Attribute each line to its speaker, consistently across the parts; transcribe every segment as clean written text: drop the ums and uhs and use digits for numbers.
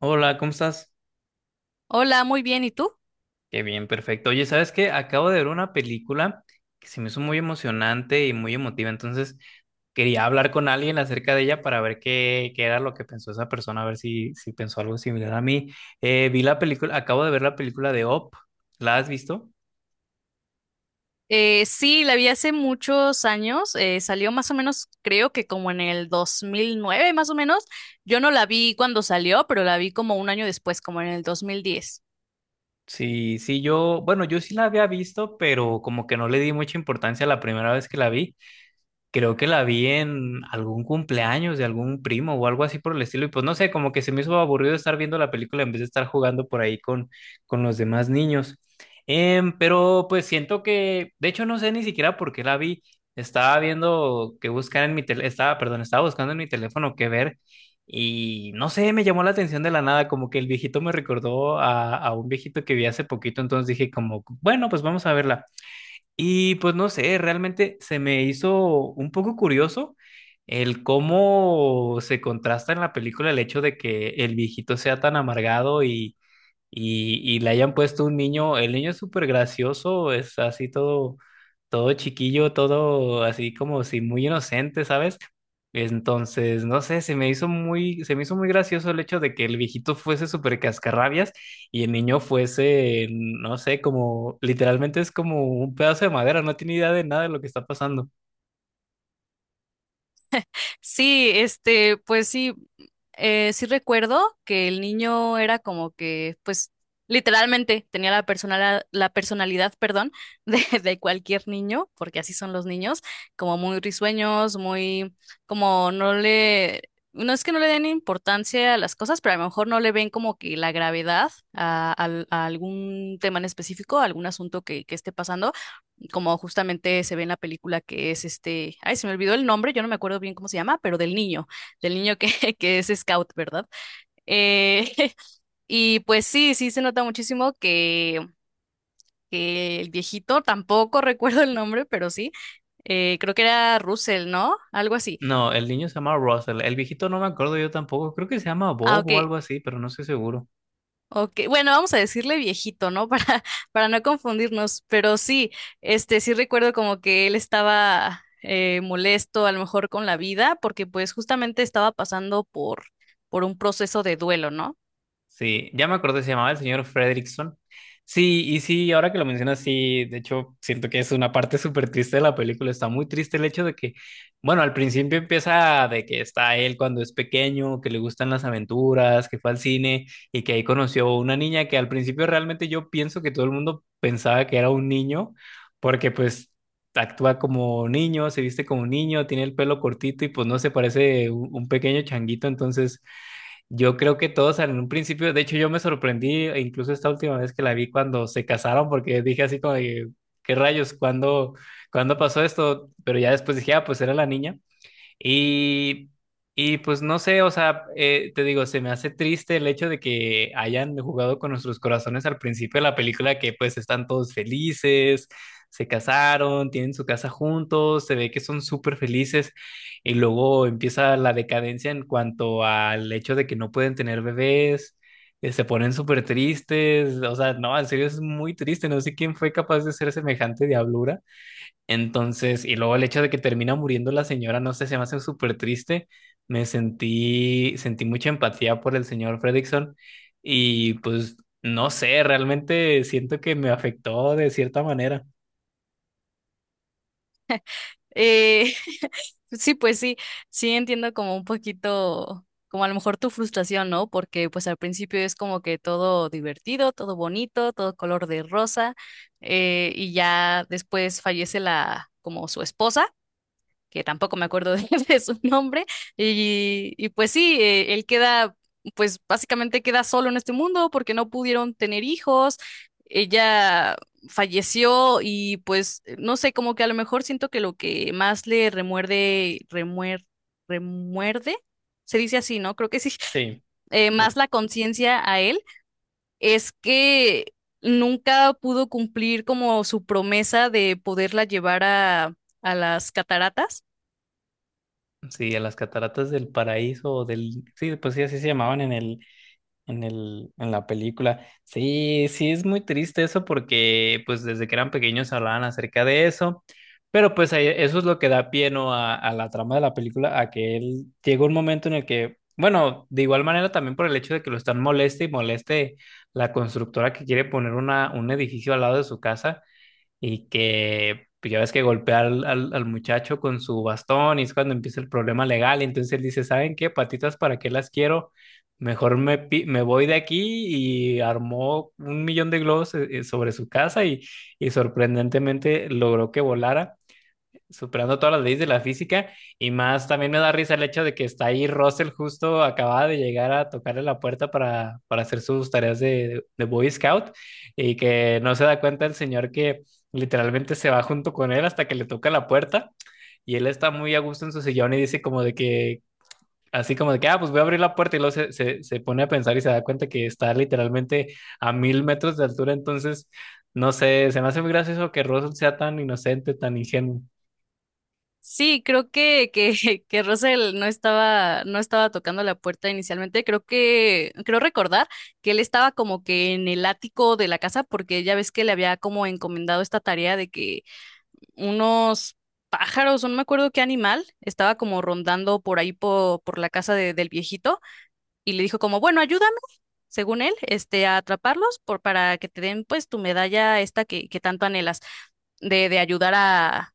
Speaker 1: Hola, ¿cómo estás?
Speaker 2: Hola, muy bien. ¿Y tú?
Speaker 1: Qué bien, perfecto. Oye, ¿sabes qué? Acabo de ver una película que se me hizo muy emocionante y muy emotiva, entonces quería hablar con alguien acerca de ella para ver qué era lo que pensó esa persona, a ver si pensó algo similar a mí. Vi la película, acabo de ver la película de Up. ¿La has visto?
Speaker 2: Sí, la vi hace muchos años. Salió más o menos, creo que como en el 2009, más o menos. Yo no la vi cuando salió, pero la vi como un año después, como en el 2010.
Speaker 1: Sí, sí, yo, bueno, yo sí la había visto, pero como que no le di mucha importancia la primera vez que la vi. Creo que la vi en algún cumpleaños de algún primo o algo así por el estilo. Y pues no sé, como que se me hizo aburrido estar viendo la película en vez de estar jugando por ahí con los demás niños. Pero pues siento que, de hecho, no sé ni siquiera por qué la vi. Estaba viendo que buscar en mi teléfono, estaba, perdón, estaba buscando en mi teléfono qué ver. Y no sé, me llamó la atención de la nada, como que el viejito me recordó a un viejito que vi hace poquito. Entonces dije como, bueno, pues vamos a verla. Y pues no sé, realmente se me hizo un poco curioso el cómo se contrasta en la película el hecho de que el viejito sea tan amargado y le hayan puesto un niño, el niño es súper gracioso, es así todo, todo chiquillo, todo así como si muy inocente, ¿sabes? Entonces, no sé, se me hizo muy gracioso el hecho de que el viejito fuese súper cascarrabias y el niño fuese, no sé, como literalmente es como un pedazo de madera, no tiene idea de nada de lo que está pasando.
Speaker 2: Sí, este, pues sí, sí recuerdo que el niño era como que, pues, literalmente tenía la personalidad, perdón, de cualquier niño, porque así son los niños, como muy risueños, muy, como no le, no es que no le den importancia a las cosas, pero a lo mejor no le ven como que la gravedad a, a algún tema en específico, a algún asunto que esté pasando y como justamente se ve en la película que es este, ay, se me olvidó el nombre, yo no me acuerdo bien cómo se llama, pero del niño que, que es scout, ¿verdad? Eh, y pues sí, sí se nota muchísimo que el viejito, tampoco recuerdo el nombre, pero sí, creo que era Russell, ¿no? Algo así.
Speaker 1: No, el niño se llama Russell, el viejito no me acuerdo yo tampoco, creo que se llama
Speaker 2: Ah,
Speaker 1: Bob o
Speaker 2: ok.
Speaker 1: algo así, pero no estoy seguro.
Speaker 2: Ok, bueno, vamos a decirle viejito, ¿no? Para no confundirnos, pero sí, este, sí recuerdo como que él estaba molesto a lo mejor con la vida, porque pues justamente estaba pasando por un proceso de duelo, ¿no?
Speaker 1: Sí, ya me acordé, se llamaba el señor Fredrickson. Sí, y sí, ahora que lo mencionas, sí, de hecho, siento que es una parte súper triste de la película. Está muy triste el hecho de que, bueno, al principio empieza de que está él cuando es pequeño, que le gustan las aventuras, que fue al cine y que ahí conoció una niña que al principio realmente yo pienso que todo el mundo pensaba que era un niño, porque pues actúa como niño, se viste como niño, tiene el pelo cortito y pues no se parece un pequeño changuito, entonces. Yo creo que todos en un principio, de hecho yo me sorprendí, e incluso esta última vez que la vi cuando se casaron, porque dije así como de, ¿qué rayos? ¿Cuándo, cuándo pasó esto? Pero ya después dije, ah, pues era la niña. Y, y pues no sé, o sea, te digo, se me hace triste el hecho de que hayan jugado con nuestros corazones al principio de la película, que pues están todos felices, se casaron, tienen su casa juntos, se ve que son súper felices y luego empieza la decadencia en cuanto al hecho de que no pueden tener bebés. Se ponen súper tristes, o sea, no, en serio es muy triste, no sé quién fue capaz de hacer semejante diablura. Entonces, y luego el hecho de que termina muriendo la señora, no sé, se me hace súper triste. Me sentí, sentí mucha empatía por el señor Fredrickson y pues no sé, realmente siento que me afectó de cierta manera.
Speaker 2: Eh, sí, pues sí, sí entiendo como un poquito, como a lo mejor tu frustración, ¿no? Porque pues al principio es como que todo divertido, todo bonito, todo color de rosa, y ya después fallece la, como su esposa. Que tampoco me acuerdo de, de su nombre, y pues sí, él queda, pues básicamente queda solo en este mundo porque no pudieron tener hijos, ella falleció y pues no sé, como que a lo mejor siento que lo que más le remuerde, se dice así, ¿no? Creo que sí,
Speaker 1: Sí, lo-
Speaker 2: más la conciencia a él es que nunca pudo cumplir como su promesa de poderla llevar a las cataratas.
Speaker 1: sí, a las cataratas del paraíso o del, sí, pues sí, así se llamaban en en el, en la película. Sí, sí, es muy triste eso porque pues desde que eran pequeños hablaban acerca de eso, pero pues ahí- eso es lo que da pie, ¿no? A la trama de la película, a que él llega un momento en el que, bueno, de igual manera también por el hecho de que lo están moleste y moleste la constructora que quiere poner una, un edificio al lado de su casa, y que pues, ya ves que golpea al muchacho con su bastón y es cuando empieza el problema legal. Entonces él dice, ¿saben qué? Patitas, ¿para qué las quiero? Mejor me, pi- me voy de aquí y armó 1.000.000 de globos sobre su casa y sorprendentemente logró que volara superando todas las leyes de la física y más también me da risa el hecho de que está ahí Russell justo acababa de llegar a tocarle la puerta para hacer sus tareas de Boy Scout y que no se da cuenta el señor que literalmente se va junto con él hasta que le toca la puerta y él está muy a gusto en su sillón y dice como de que así como de que, ah, pues voy a abrir la puerta y luego se pone a pensar y se da cuenta que está literalmente a 1.000 metros de altura. Entonces, no sé, se me hace muy gracioso que Russell sea tan inocente, tan ingenuo.
Speaker 2: Sí, creo que Russell no estaba, no estaba tocando la puerta inicialmente. Creo que, creo recordar que él estaba como que en el ático de la casa, porque ya ves que le había como encomendado esta tarea de que unos pájaros, o no me acuerdo qué animal, estaba como rondando por ahí por la casa del viejito, y le dijo como, bueno, ayúdame, según él, este, a atraparlos por, para que te den pues tu medalla esta que tanto anhelas de ayudar a,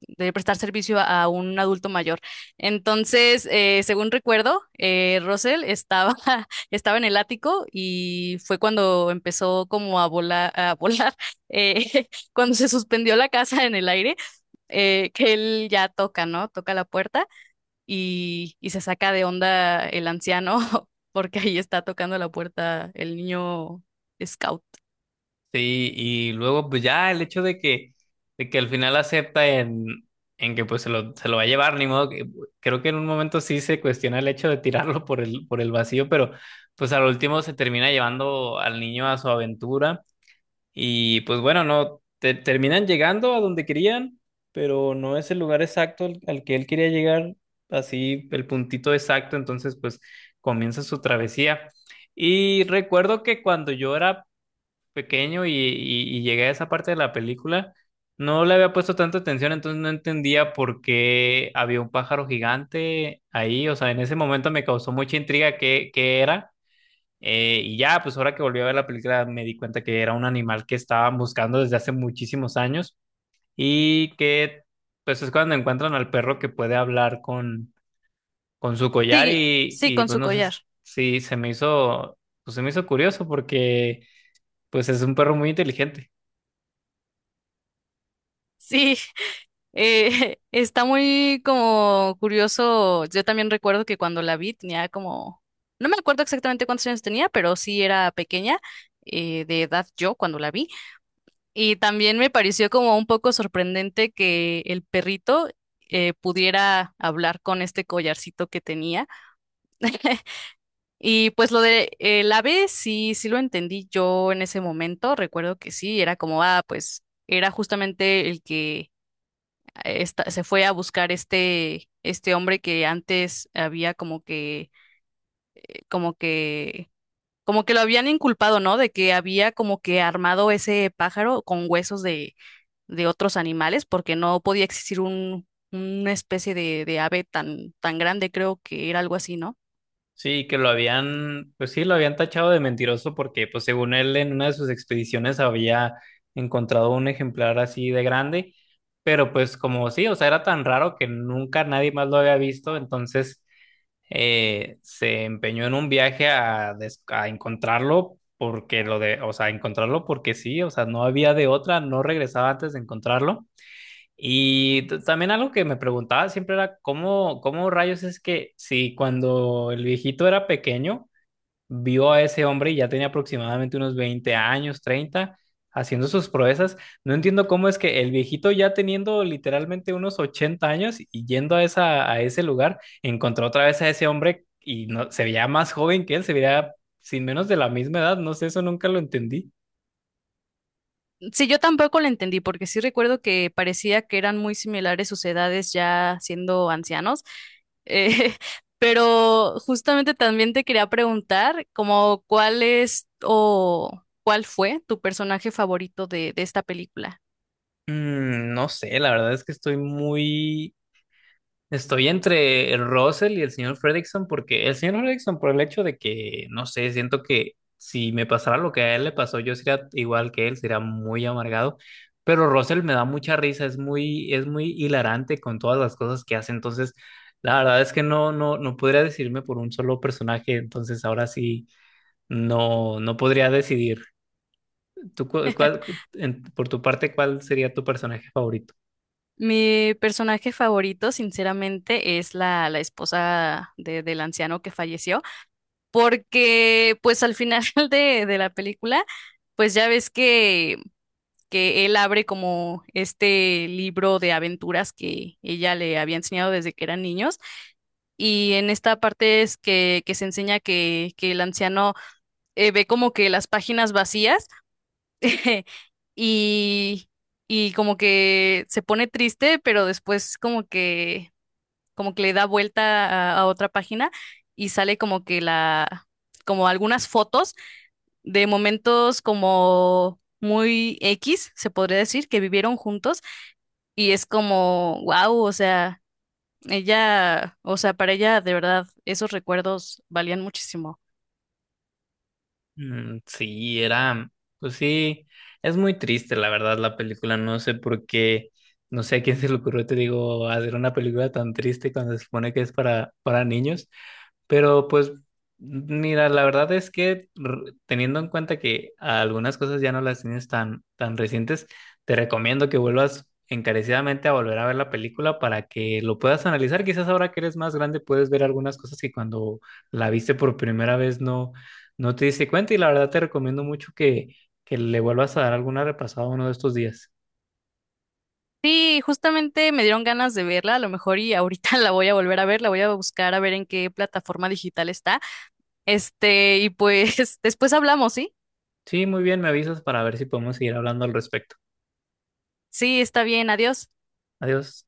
Speaker 2: de prestar servicio a, un adulto mayor. Entonces, según recuerdo, Russell estaba, estaba en el ático y fue cuando empezó como a volar, eh, cuando se suspendió la casa en el aire, que él ya toca, ¿no? Toca la puerta y se saca de onda el anciano porque ahí está tocando la puerta el niño scout.
Speaker 1: Sí, y luego pues ya el hecho de que al final acepta en que pues se lo va a llevar, ni modo, que- creo que en un momento sí se cuestiona el hecho de tirarlo por por el vacío, pero pues al último se termina llevando al niño a su aventura y pues bueno, no, te- terminan llegando a donde querían, pero no es el lugar exacto al que él quería llegar, así el puntito exacto, entonces pues comienza su travesía. Y recuerdo que cuando yo era pequeño y llegué a esa parte de la película, no le había puesto tanta atención, entonces no entendía por qué había un pájaro gigante ahí, o sea, en ese momento me causó mucha intriga qué era, y ya, pues ahora que volví a ver la película me di cuenta que era un animal que estaban buscando desde hace muchísimos años y que pues es cuando encuentran al perro que puede hablar con su collar
Speaker 2: Sí, sí,
Speaker 1: y
Speaker 2: con
Speaker 1: pues
Speaker 2: su
Speaker 1: no sé
Speaker 2: collar.
Speaker 1: si se me hizo, pues se me hizo curioso porque pues es un perro muy inteligente.
Speaker 2: Sí, está muy como curioso. Yo también recuerdo que cuando la vi tenía como, no me acuerdo exactamente cuántos años tenía, pero sí era pequeña, de edad yo cuando la vi. Y también me pareció como un poco sorprendente que el perrito pudiera hablar con este collarcito que tenía. Y pues lo de el ave, sí, sí lo entendí yo en ese momento. Recuerdo que sí, era como, ah, pues era justamente el que se fue a buscar este, este hombre que antes había como que, como que, como que lo habían inculpado, ¿no? De que había como que armado ese pájaro con huesos de otros animales, porque no podía existir un, una especie de ave tan, tan grande, creo que era algo así, ¿no?
Speaker 1: Sí, que lo habían, pues sí, lo habían tachado de mentiroso porque, pues según él, en una de sus expediciones había encontrado un ejemplar así de grande, pero pues como sí, o sea, era tan raro que nunca nadie más lo había visto, entonces se empeñó en un viaje a, des- a encontrarlo porque lo de, o sea, encontrarlo porque sí, o sea, no había de otra, no regresaba antes de encontrarlo. Y t- también algo que me preguntaba siempre era cómo rayos es que si cuando el viejito era pequeño, vio a ese hombre y ya tenía aproximadamente unos 20 años, 30 haciendo sus proezas, no entiendo cómo es que el viejito ya teniendo literalmente unos 80 años y yendo a, esa, a ese lugar, encontró otra vez a ese hombre y no, se veía más joven que él, se veía sin menos de la misma edad, no sé, eso nunca lo entendí.
Speaker 2: Sí, yo tampoco la entendí, porque sí recuerdo que parecía que eran muy similares sus edades ya siendo ancianos. Eh, pero justamente también te quería preguntar, como cuál es o cuál fue tu personaje favorito de esta película.
Speaker 1: Mm, no sé, la verdad es que estoy muy, estoy entre el Russell y el señor Fredrickson porque el señor Fredrickson por el hecho de que, no sé, siento que si me pasara lo que a él le pasó, yo sería igual que él, sería muy amargado, pero Russell me da mucha risa, es muy hilarante con todas las cosas que hace, entonces la verdad es que no podría decidirme por un solo personaje, entonces ahora sí no, no podría decidir. ¿Tú, cu- cuál, en- por tu parte, cuál sería tu personaje favorito?
Speaker 2: Mi personaje favorito, sinceramente, es la, la esposa del anciano que falleció, porque pues al final de la película, pues ya ves que él abre como este libro de aventuras que ella le había enseñado desde que eran niños. Y en esta parte es que se enseña que el anciano ve como que las páginas vacías y, y como que se pone triste, pero después como que le da vuelta a otra página y sale como que la, como algunas fotos de momentos como muy X, se podría decir, que vivieron juntos y es como, wow, o sea, ella, o sea, para ella de verdad esos recuerdos valían muchísimo.
Speaker 1: Mm, sí, era, pues sí, es muy triste la verdad la película, no sé por qué, no sé a quién se le ocurrió, te digo, hacer una película tan triste cuando se supone que es para niños, pero pues, mira, la verdad es que r- teniendo en cuenta que algunas cosas ya no las tienes tan recientes, te recomiendo que vuelvas encarecidamente a volver a ver la película para que lo puedas analizar. Quizás ahora que eres más grande puedes ver algunas cosas que cuando la viste por primera vez no, no te diste cuenta y la verdad te recomiendo mucho que le vuelvas a dar alguna repasada uno de estos días.
Speaker 2: Sí, justamente me dieron ganas de verla, a lo mejor y ahorita la voy a volver a ver, la voy a buscar a ver en qué plataforma digital está. Este, y pues después hablamos, ¿sí?
Speaker 1: Sí, muy bien, me avisas para ver si podemos seguir hablando al respecto.
Speaker 2: Sí, está bien, adiós.
Speaker 1: Adiós.